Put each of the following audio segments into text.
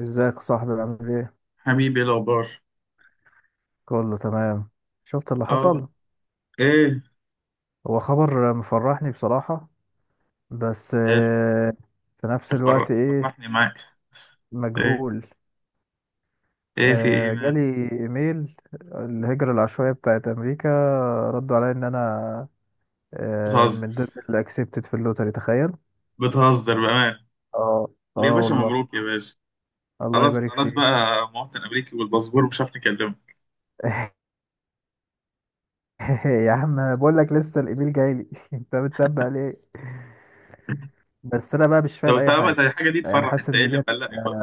ازيك يا صاحبي؟ عامل ايه؟ حبيبي، إيه الأخبار؟ كله تمام. شفت اللي اه. حصل؟ ايه؟ هو خبر مفرحني بصراحة، بس حلو. في نفس الوقت ايه، فرحني معاك. ايه، مجهول. ايه في ايه؟ مال؟ جالي ايميل الهجرة العشوائية بتاعت امريكا، ردوا عليا ان انا بتهزر؟ من ضمن اللي اكسبتد في اللوتري، تخيل. بتهزر بأمان؟ اه، يا اه باشا، والله. مبروك يا باشا. الله خلاص يبارك خلاص بقى فيك. مواطن أمريكي والباسبور، مش عارف نكلمك. يا عم بقول لك لسه الايميل جاي لي. انت بتسبق ليه؟ بس انا بقى مش طب فاهم انت اي بقى، ده حاجة. الحاجة دي يعني تفرح، حاسس انت ايه ان اللي دي، مقلقك بقى؟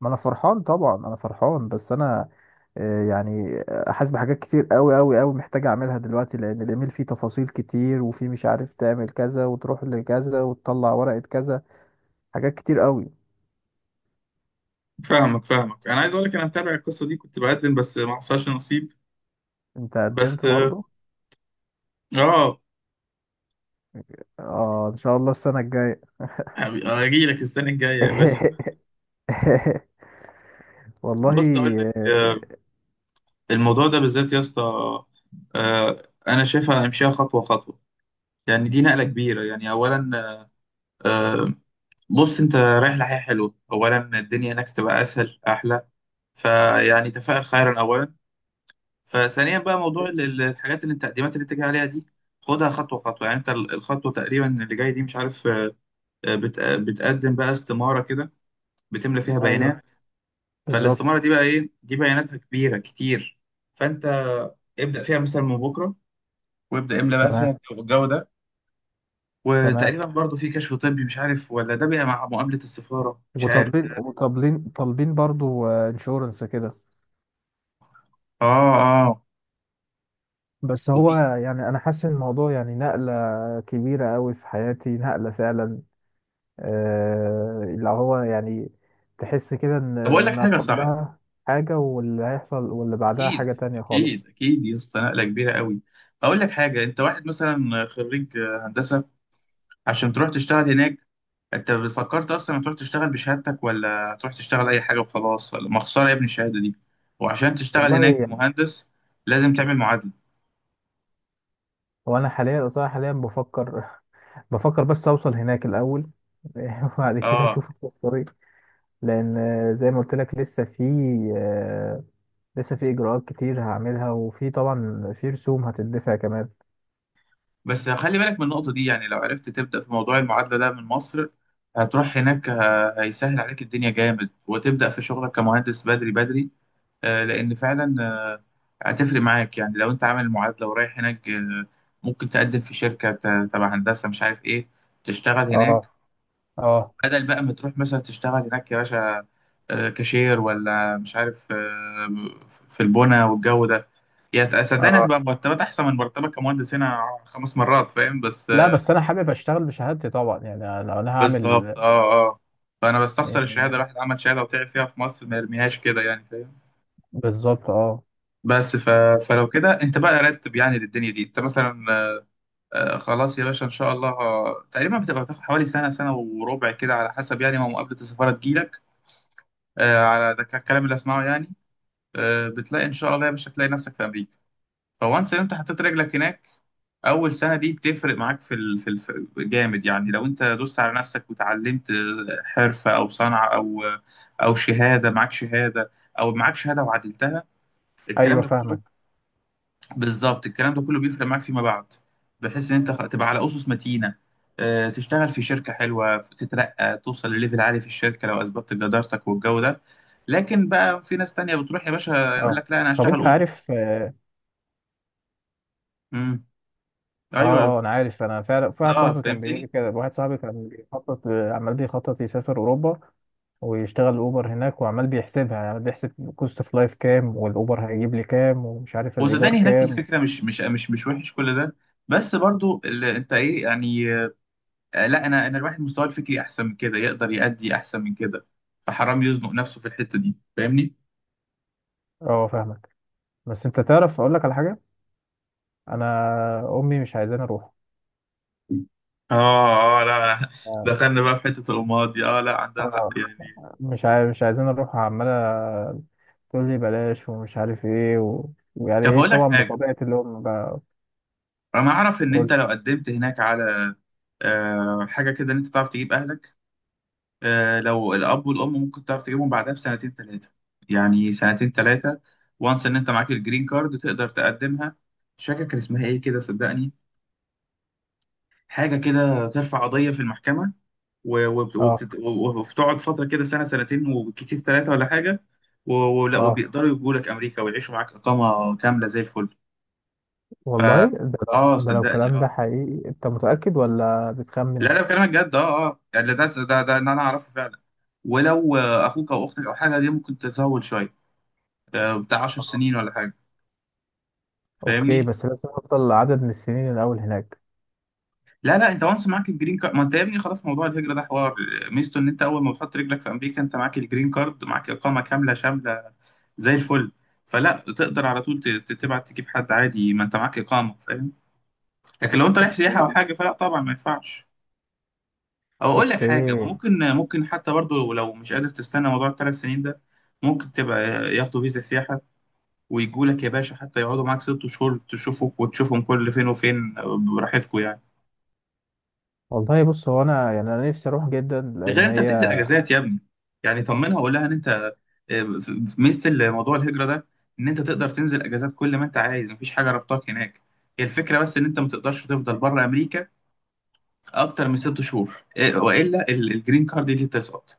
ما انا فرحان طبعا، انا فرحان بس انا يعني حاسس بحاجات كتير قوي قوي قوي محتاج اعملها دلوقتي، لان الايميل فيه تفاصيل كتير، وفيه مش عارف تعمل كذا وتروح لكذا وتطلع ورقة كذا، حاجات كتير قوي. فاهمك فاهمك، انا عايز اقول لك انا متابع القصة دي، كنت بقدم بس ما حصلش نصيب. انت بس قدمت برضو. اه. اه، ان شاء الله السنة الجاية. اجي لك السنة الجاية يا باشا. والله. بص اقول لك آه، الموضوع ده بالذات يا اسطى، آه، انا شايفها امشيها خطوة خطوة. يعني دي نقلة كبيرة، يعني أولا آه، بص أنت رايح لحياة حلوة، أولا الدنيا هناك تبقى أسهل أحلى، فيعني تفائل خيرا أولا. فثانيا بقى موضوع الحاجات اللي أنت، التقديمات اللي أنت جاي عليها دي، خدها خطوة خطوة. يعني أنت الخطوة تقريبا اللي جاي دي، مش عارف بتقدم بقى استمارة كده، بتملى فيها ايوه، بيانات. بالظبط. فالاستمارة دي بقى، إيه دي بياناتها كبيرة كتير. فأنت ابدأ فيها مثلا من بكرة، وابدأ املى بقى تمام. فيها الجو ده. تمام. وتقريبا برضو في كشف طبي، مش عارف ولا ده بقى مع مقابلة السفارة، مش عارف. وطالبين برضو انشورنس كده. اه اه. بس هو وفي، يعني انا حاسس ان الموضوع يعني نقله كبيره قوي في حياتي، نقله فعلا. اللي هو يعني تحس كده ان طب اقول لك ما حاجة صح. قبلها حاجه، واللي هيحصل واللي بعدها اكيد حاجه تانية اكيد خالص. اكيد يا اسطى، نقلة كبيرة قوي. اقول لك حاجة، انت واحد مثلا خريج هندسة، عشان تروح تشتغل هناك، انت فكرت اصلا تروح تشتغل بشهادتك، ولا تروح تشتغل اي حاجة وخلاص، ولا ما خسارة يا ابني الشهادة دي؟ وعشان تشتغل والله هناك يعني، مهندس لازم تعمل معادلة. هو انا حاليا صراحه حاليا بفكر. بفكر بس اوصل هناك الاول. وبعد كده اه، اشوف الطريق، لان زي ما قلت لك، آه، لسه في اجراءات كتير هعملها، وفي طبعا في رسوم هتدفع كمان. بس خلي بالك من النقطة دي. يعني لو عرفت تبدأ في موضوع المعادلة ده من مصر، هتروح هناك هيسهل عليك الدنيا جامد، وتبدأ في شغلك كمهندس بدري بدري. لأن فعلا هتفرق معاك. يعني لو أنت عامل معادلة ورايح هناك ممكن تقدم في شركة تبع هندسة، مش عارف إيه، تشتغل اه، هناك. اه، بدل بقى ما تروح مثلا تشتغل هناك يا باشا كاشير، ولا مش عارف في البنا والجو ده. يعني صدقني اه. هتبقى مرتبات أحسن من مرتبك كمهندس هنا خمس مرات، فاهم؟ بس، لا بس انا حابب اشتغل بشهادتي طبعا، يعني لو انا هعمل بالظبط اه اه. فانا بستخسر الشهاده، يعني، الواحد عمل شهاده وتعب فيها في مصر، ما يرميهاش كده يعني، فاهم؟ بالظبط، اه، بس فلو كده انت بقى رتب يعني للدنيا دي. انت مثلا خلاص يا باشا، ان شاء الله تقريبا بتبقى بتاخد حوالي سنه سنه وربع كده، على حسب يعني ما مقابله السفاره تجيلك، على ده الكلام اللي اسمعه يعني. بتلاقي ان شاء الله يا باشا، تلاقي نفسك في امريكا. فوانس انت حطيت رجلك هناك، اول سنه دي بتفرق معاك في ال... في الف... جامد. يعني لو انت دوست على نفسك وتعلمت حرفه او صنعه او شهاده، معاك شهاده او معاك شهاده وعدلتها، الكلام ايوه ده كله، فاهمك. بالظبط الكلام ده كله بيفرق معاك فيما بعد، بحيث ان انت تبقى على اسس متينه. تشتغل في شركه حلوه، تترقى، توصل لليفل عالي في الشركه لو اثبتت جدارتك والجو ده. لكن بقى في ناس تانية بتروح يا باشا يقول اه، لك لا انا طب هشتغل انت اوبر. عارف؟ اه، امم ايوه، اه انا عارف، انا فعلا في واحد اه صاحبي كان بيقول لي فهمتني. كده، واحد صاحبي كان بيخطط، عمال بيخطط يسافر اوروبا، ويشتغل اوبر هناك، وعمال بيحسبها يعني بيحسب كوست اوف لايف كام، والاوبر هيجيب لي كام، ومش عارف الايجار وصدقني هناك كام. الفكره مش وحش كل ده، بس برضو اللي انت ايه يعني، لا انا الواحد مستواه الفكري احسن من كده، يقدر يأدي احسن من كده. فحرام يزنق نفسه في الحته دي، فاهمني؟ اه، فاهمك. بس انت تعرف اقول لك على حاجه، انا امي مش عايزاني اروح. اه اه. لا لا، آه، دخلنا بقى في حته الامهات دي. اه، لا عندها آه، حق يعني. مش عايزين نروح، عمالة تقول لي بلاش ومش عارف ايه، و... ويعني طب ايه هقول لك طبعا، حاجه، بطبيعة الام بقى. انا اعرف ان انت قول. لو قدمت هناك على حاجه كده، ان انت تعرف تجيب اهلك. لو الأب والأم ممكن تعرف تجيبهم بعدها بسنتين ثلاثة. يعني سنتين ثلاثة، وانس إن أنت معاك الجرين كارد، تقدر تقدمها. مش فاكر كان اسمها إيه كده، صدقني حاجة كده، ترفع قضية في المحكمة، و- وبت- اه، وبتت- و- وبتقعد فترة كده سنة سنتين، وكتير ثلاثة ولا حاجة. و- ولا اه وبيقدروا يجوا لك أمريكا ويعيشوا معاك إقامة كاملة زي الفل. ف والله، ده لو ده لو صدقني الكلام ده حقيقي، انت متأكد ولا لا بتخمن؟ لا، بكلمك جد. يعني ده إن أنا أعرفه فعلا. ولو أخوك أو أختك أو حاجة دي، ممكن تطول شوية بتاع 10 آه. سنين ولا حاجه، اوكي، فاهمني؟ بس لازم افضل عدد من السنين الاول هناك. لا لا، انت وانس معاك الجرين كارد، ما انت يا ابني خلاص موضوع الهجره ده حوار. ميزته ان انت اول ما بتحط رجلك في امريكا، انت معاك الجرين كارد، معاك اقامه كامله شامله زي الفل. فلا تقدر على طول تبعت تجيب حد عادي، ما انت معاك اقامه، فاهم؟ لكن لو انت رايح سياحه او مم. حاجه، فلا طبعا ما ينفعش. او اقول لك حاجه، ما اوكي. ممكن حتى برضو، لو مش قادر تستنى موضوع الثلاث سنين ده، ممكن تبقى ياخدوا فيزا سياحه ويجوا لك يا باشا، حتى يقعدوا معاك ست شهور، تشوفوك وتشوفهم كل فين وفين، براحتكم يعني. والله بص، هو انا يعني انا نفسي اروح جدا، ده غير لان انت هي. بتنزل اجازات يا ابني. يعني طمنها وقول لها ان انت، في ميزه الموضوع الهجره ده، ان انت تقدر تنزل اجازات كل ما انت عايز، مفيش حاجه ربطاك هناك. هي الفكره بس ان انت ما تقدرش تفضل بره امريكا اكتر من ست شهور، والا الجرين كارد دي تسقط.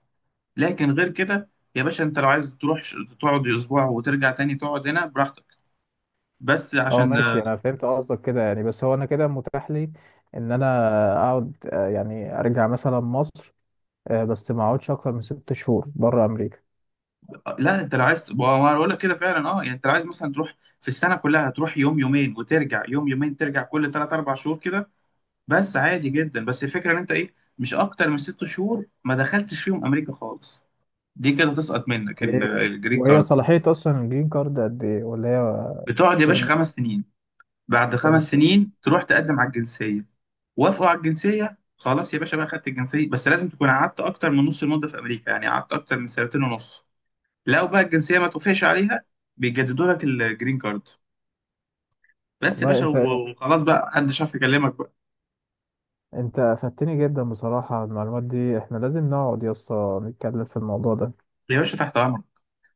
لكن غير كده يا باشا، انت لو عايز تروح تقعد اسبوع وترجع تاني تقعد هنا براحتك. بس اه، عشان ماشي، انا فهمت قصدك كده، يعني بس هو انا كده متاح لي ان انا اقعد، يعني ارجع مثلا مصر، بس ما اقعدش اكتر من ست شهور بره امريكا. لا، انت لو عايز ما انا بقول لك كده فعلا، اه يعني. انت لو عايز مثلا تروح في السنه كلها، تروح يوم يومين وترجع، يوم يومين ترجع، كل ثلاث اربع شهور كده بس، عادي جدا. بس الفكره ان انت ايه، مش اكتر من ست شهور ما دخلتش فيهم امريكا خالص، دي كده تسقط منك اوكي، الجرين وهي كارد. صلاحية أصلا الجرين كارد قد إيه؟ ولا هي بتقعد يا باشا فيرم؟ خمس سنين، بعد خمس خمس سنين. سنين تروح تقدم على الجنسيه. وافقوا على الجنسيه، خلاص يا باشا بقى خدت الجنسيه، بس لازم تكون قعدت اكتر من نص المده في امريكا، يعني قعدت اكتر من سنتين ونص. لو بقى الجنسيه ما توافقش عليها، بيجددوا لك الجرين كارد بس يا والله باشا، أنت و- وخلاص بقى محدش عارف يكلمك بقى. أنت أفدتني جدا بصراحة على المعلومات دي، إحنا لازم نقعد يا اسطى نتكلم في الموضوع ده. يا باشا تحت امرك.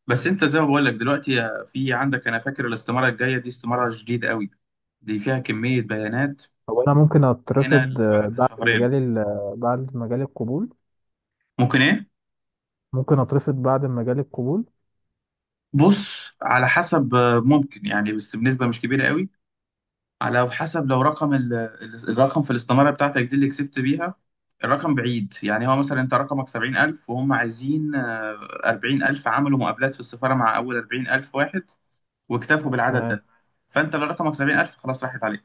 بس انت زي ما بقول لك دلوقتي، في عندك، انا فاكر الاستماره الجايه دي استماره جديده قوي، دي فيها كميه بيانات. هو أنا ممكن من هنا أترفض اللي بعد شهرين، بعد ما جالي القبول؟ ممكن ايه؟ ممكن أترفض بعد ما جالي القبول؟ بص على حسب، ممكن يعني، بس بنسبه مش كبيره قوي. على حسب لو رقم الرقم في الاستماره بتاعتك دي اللي كسبت بيها، الرقم بعيد. يعني هو مثلا انت رقمك 70,000 وهم عايزين 40,000، عملوا مقابلات في السفاره مع اول 40,000 واحد واكتفوا بالعدد تمام. ده. فانت لو رقمك 70,000، خلاص راحت عليك.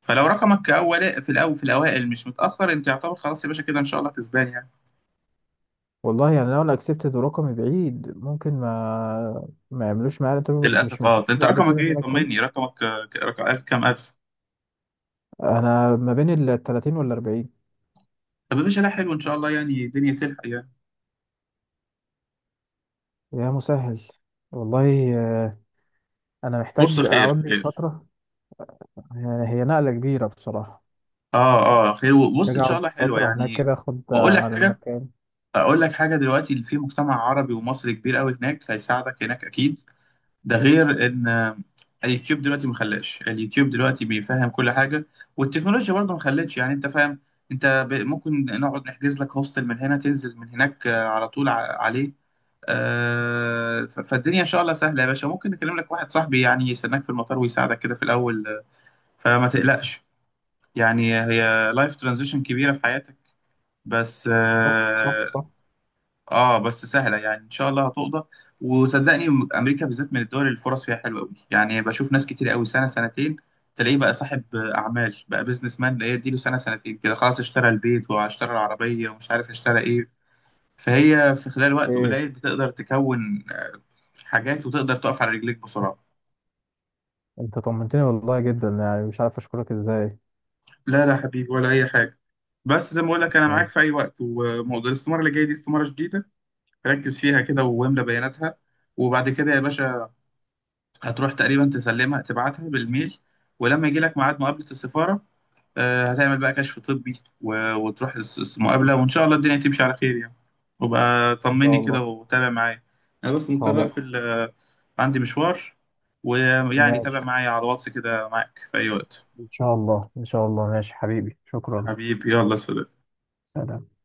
فلو رقمك اول، في الاول، في الاوائل، مش متاخر، انت يعتبر خلاص يا باشا كده ان شاء الله كسبان يعني. والله يعني لو أنا أكسبتد ورقمي بعيد، ممكن ما يعملوش معايا الانترفيو، بس مش للاسف من اه. حقي ده انت بعد رقمك كده إن ايه؟ أنا أتكلم. طمني رقمك رقم ألف كام الف؟ أنا ما بين ال 30 وال 40. طب يا باشا، لا حلو ان شاء الله، يعني الدنيا تلحق يعني. يا مسهل. والله انا بص محتاج خير اقعد لي خير. فتره، يعني هي نقله كبيره بصراحه، اه اه خير. بص محتاج ان شاء اقعد الله حلوه فتره هناك يعني. كده اخد واقول لك على حاجه، المكان. اقول لك حاجه دلوقتي، اللي في مجتمع عربي ومصري كبير قوي هناك، هيساعدك هناك اكيد. ده غير ان اليوتيوب دلوقتي ما خلاش، اليوتيوب دلوقتي بيفهم كل حاجه، والتكنولوجيا برضه ما خلتش، يعني انت فاهم. انت ممكن نقعد نحجز لك هوستل من هنا، تنزل من هناك على طول عليه. فالدنيا ان شاء الله سهله يا باشا، ممكن نكلم لك واحد صاحبي يعني يستناك في المطار ويساعدك كده في الاول فما تقلقش. يعني هي لايف ترانزيشن كبيره في حياتك، بس صح، صح، صح. اه، بس سهله يعني ان شاء الله هتقضى. وصدقني امريكا بالذات من الدول اللي الفرص فيها حلوه قوي، يعني بشوف ناس كتير قوي سنه سنتين تلاقيه بقى صاحب اعمال، بقى بيزنس مان، اللي هي اديله سنه سنتين كده خلاص، اشترى البيت واشترى العربيه ومش عارف اشترى ايه. فهي في خلال وقت ايه. قليل بتقدر تكون حاجات، وتقدر تقف على رجليك بسرعه. انت طمنتني والله جدا، يعني مش عارف اشكرك ازاي. لا لا حبيبي، ولا اي حاجه. بس زي ما بقول لك، انا معاك ماشي. في اي وقت. وموضوع الاستماره اللي جايه دي، استماره جديده، ركز فيها كده واملى بياناتها، وبعد كده يا باشا هتروح تقريبا تسلمها، تبعتها بالميل، ولما يجي لك ميعاد مقابلة السفارة هتعمل بقى كشف طبي، و- وتروح المقابلة، وإن شاء الله الدنيا تمشي على خير يعني. وبقى ان طمني شاء الله. كده وتابع معايا. أنا بس مضطر خلاص. أقفل عندي مشوار، ويعني ماشي. تابع معايا على الواتس كده، معاك في أي وقت. ان شاء الله، ان شاء الله، ماشي حبيبي، شكرا. حبيبي يلا سلام. سلام.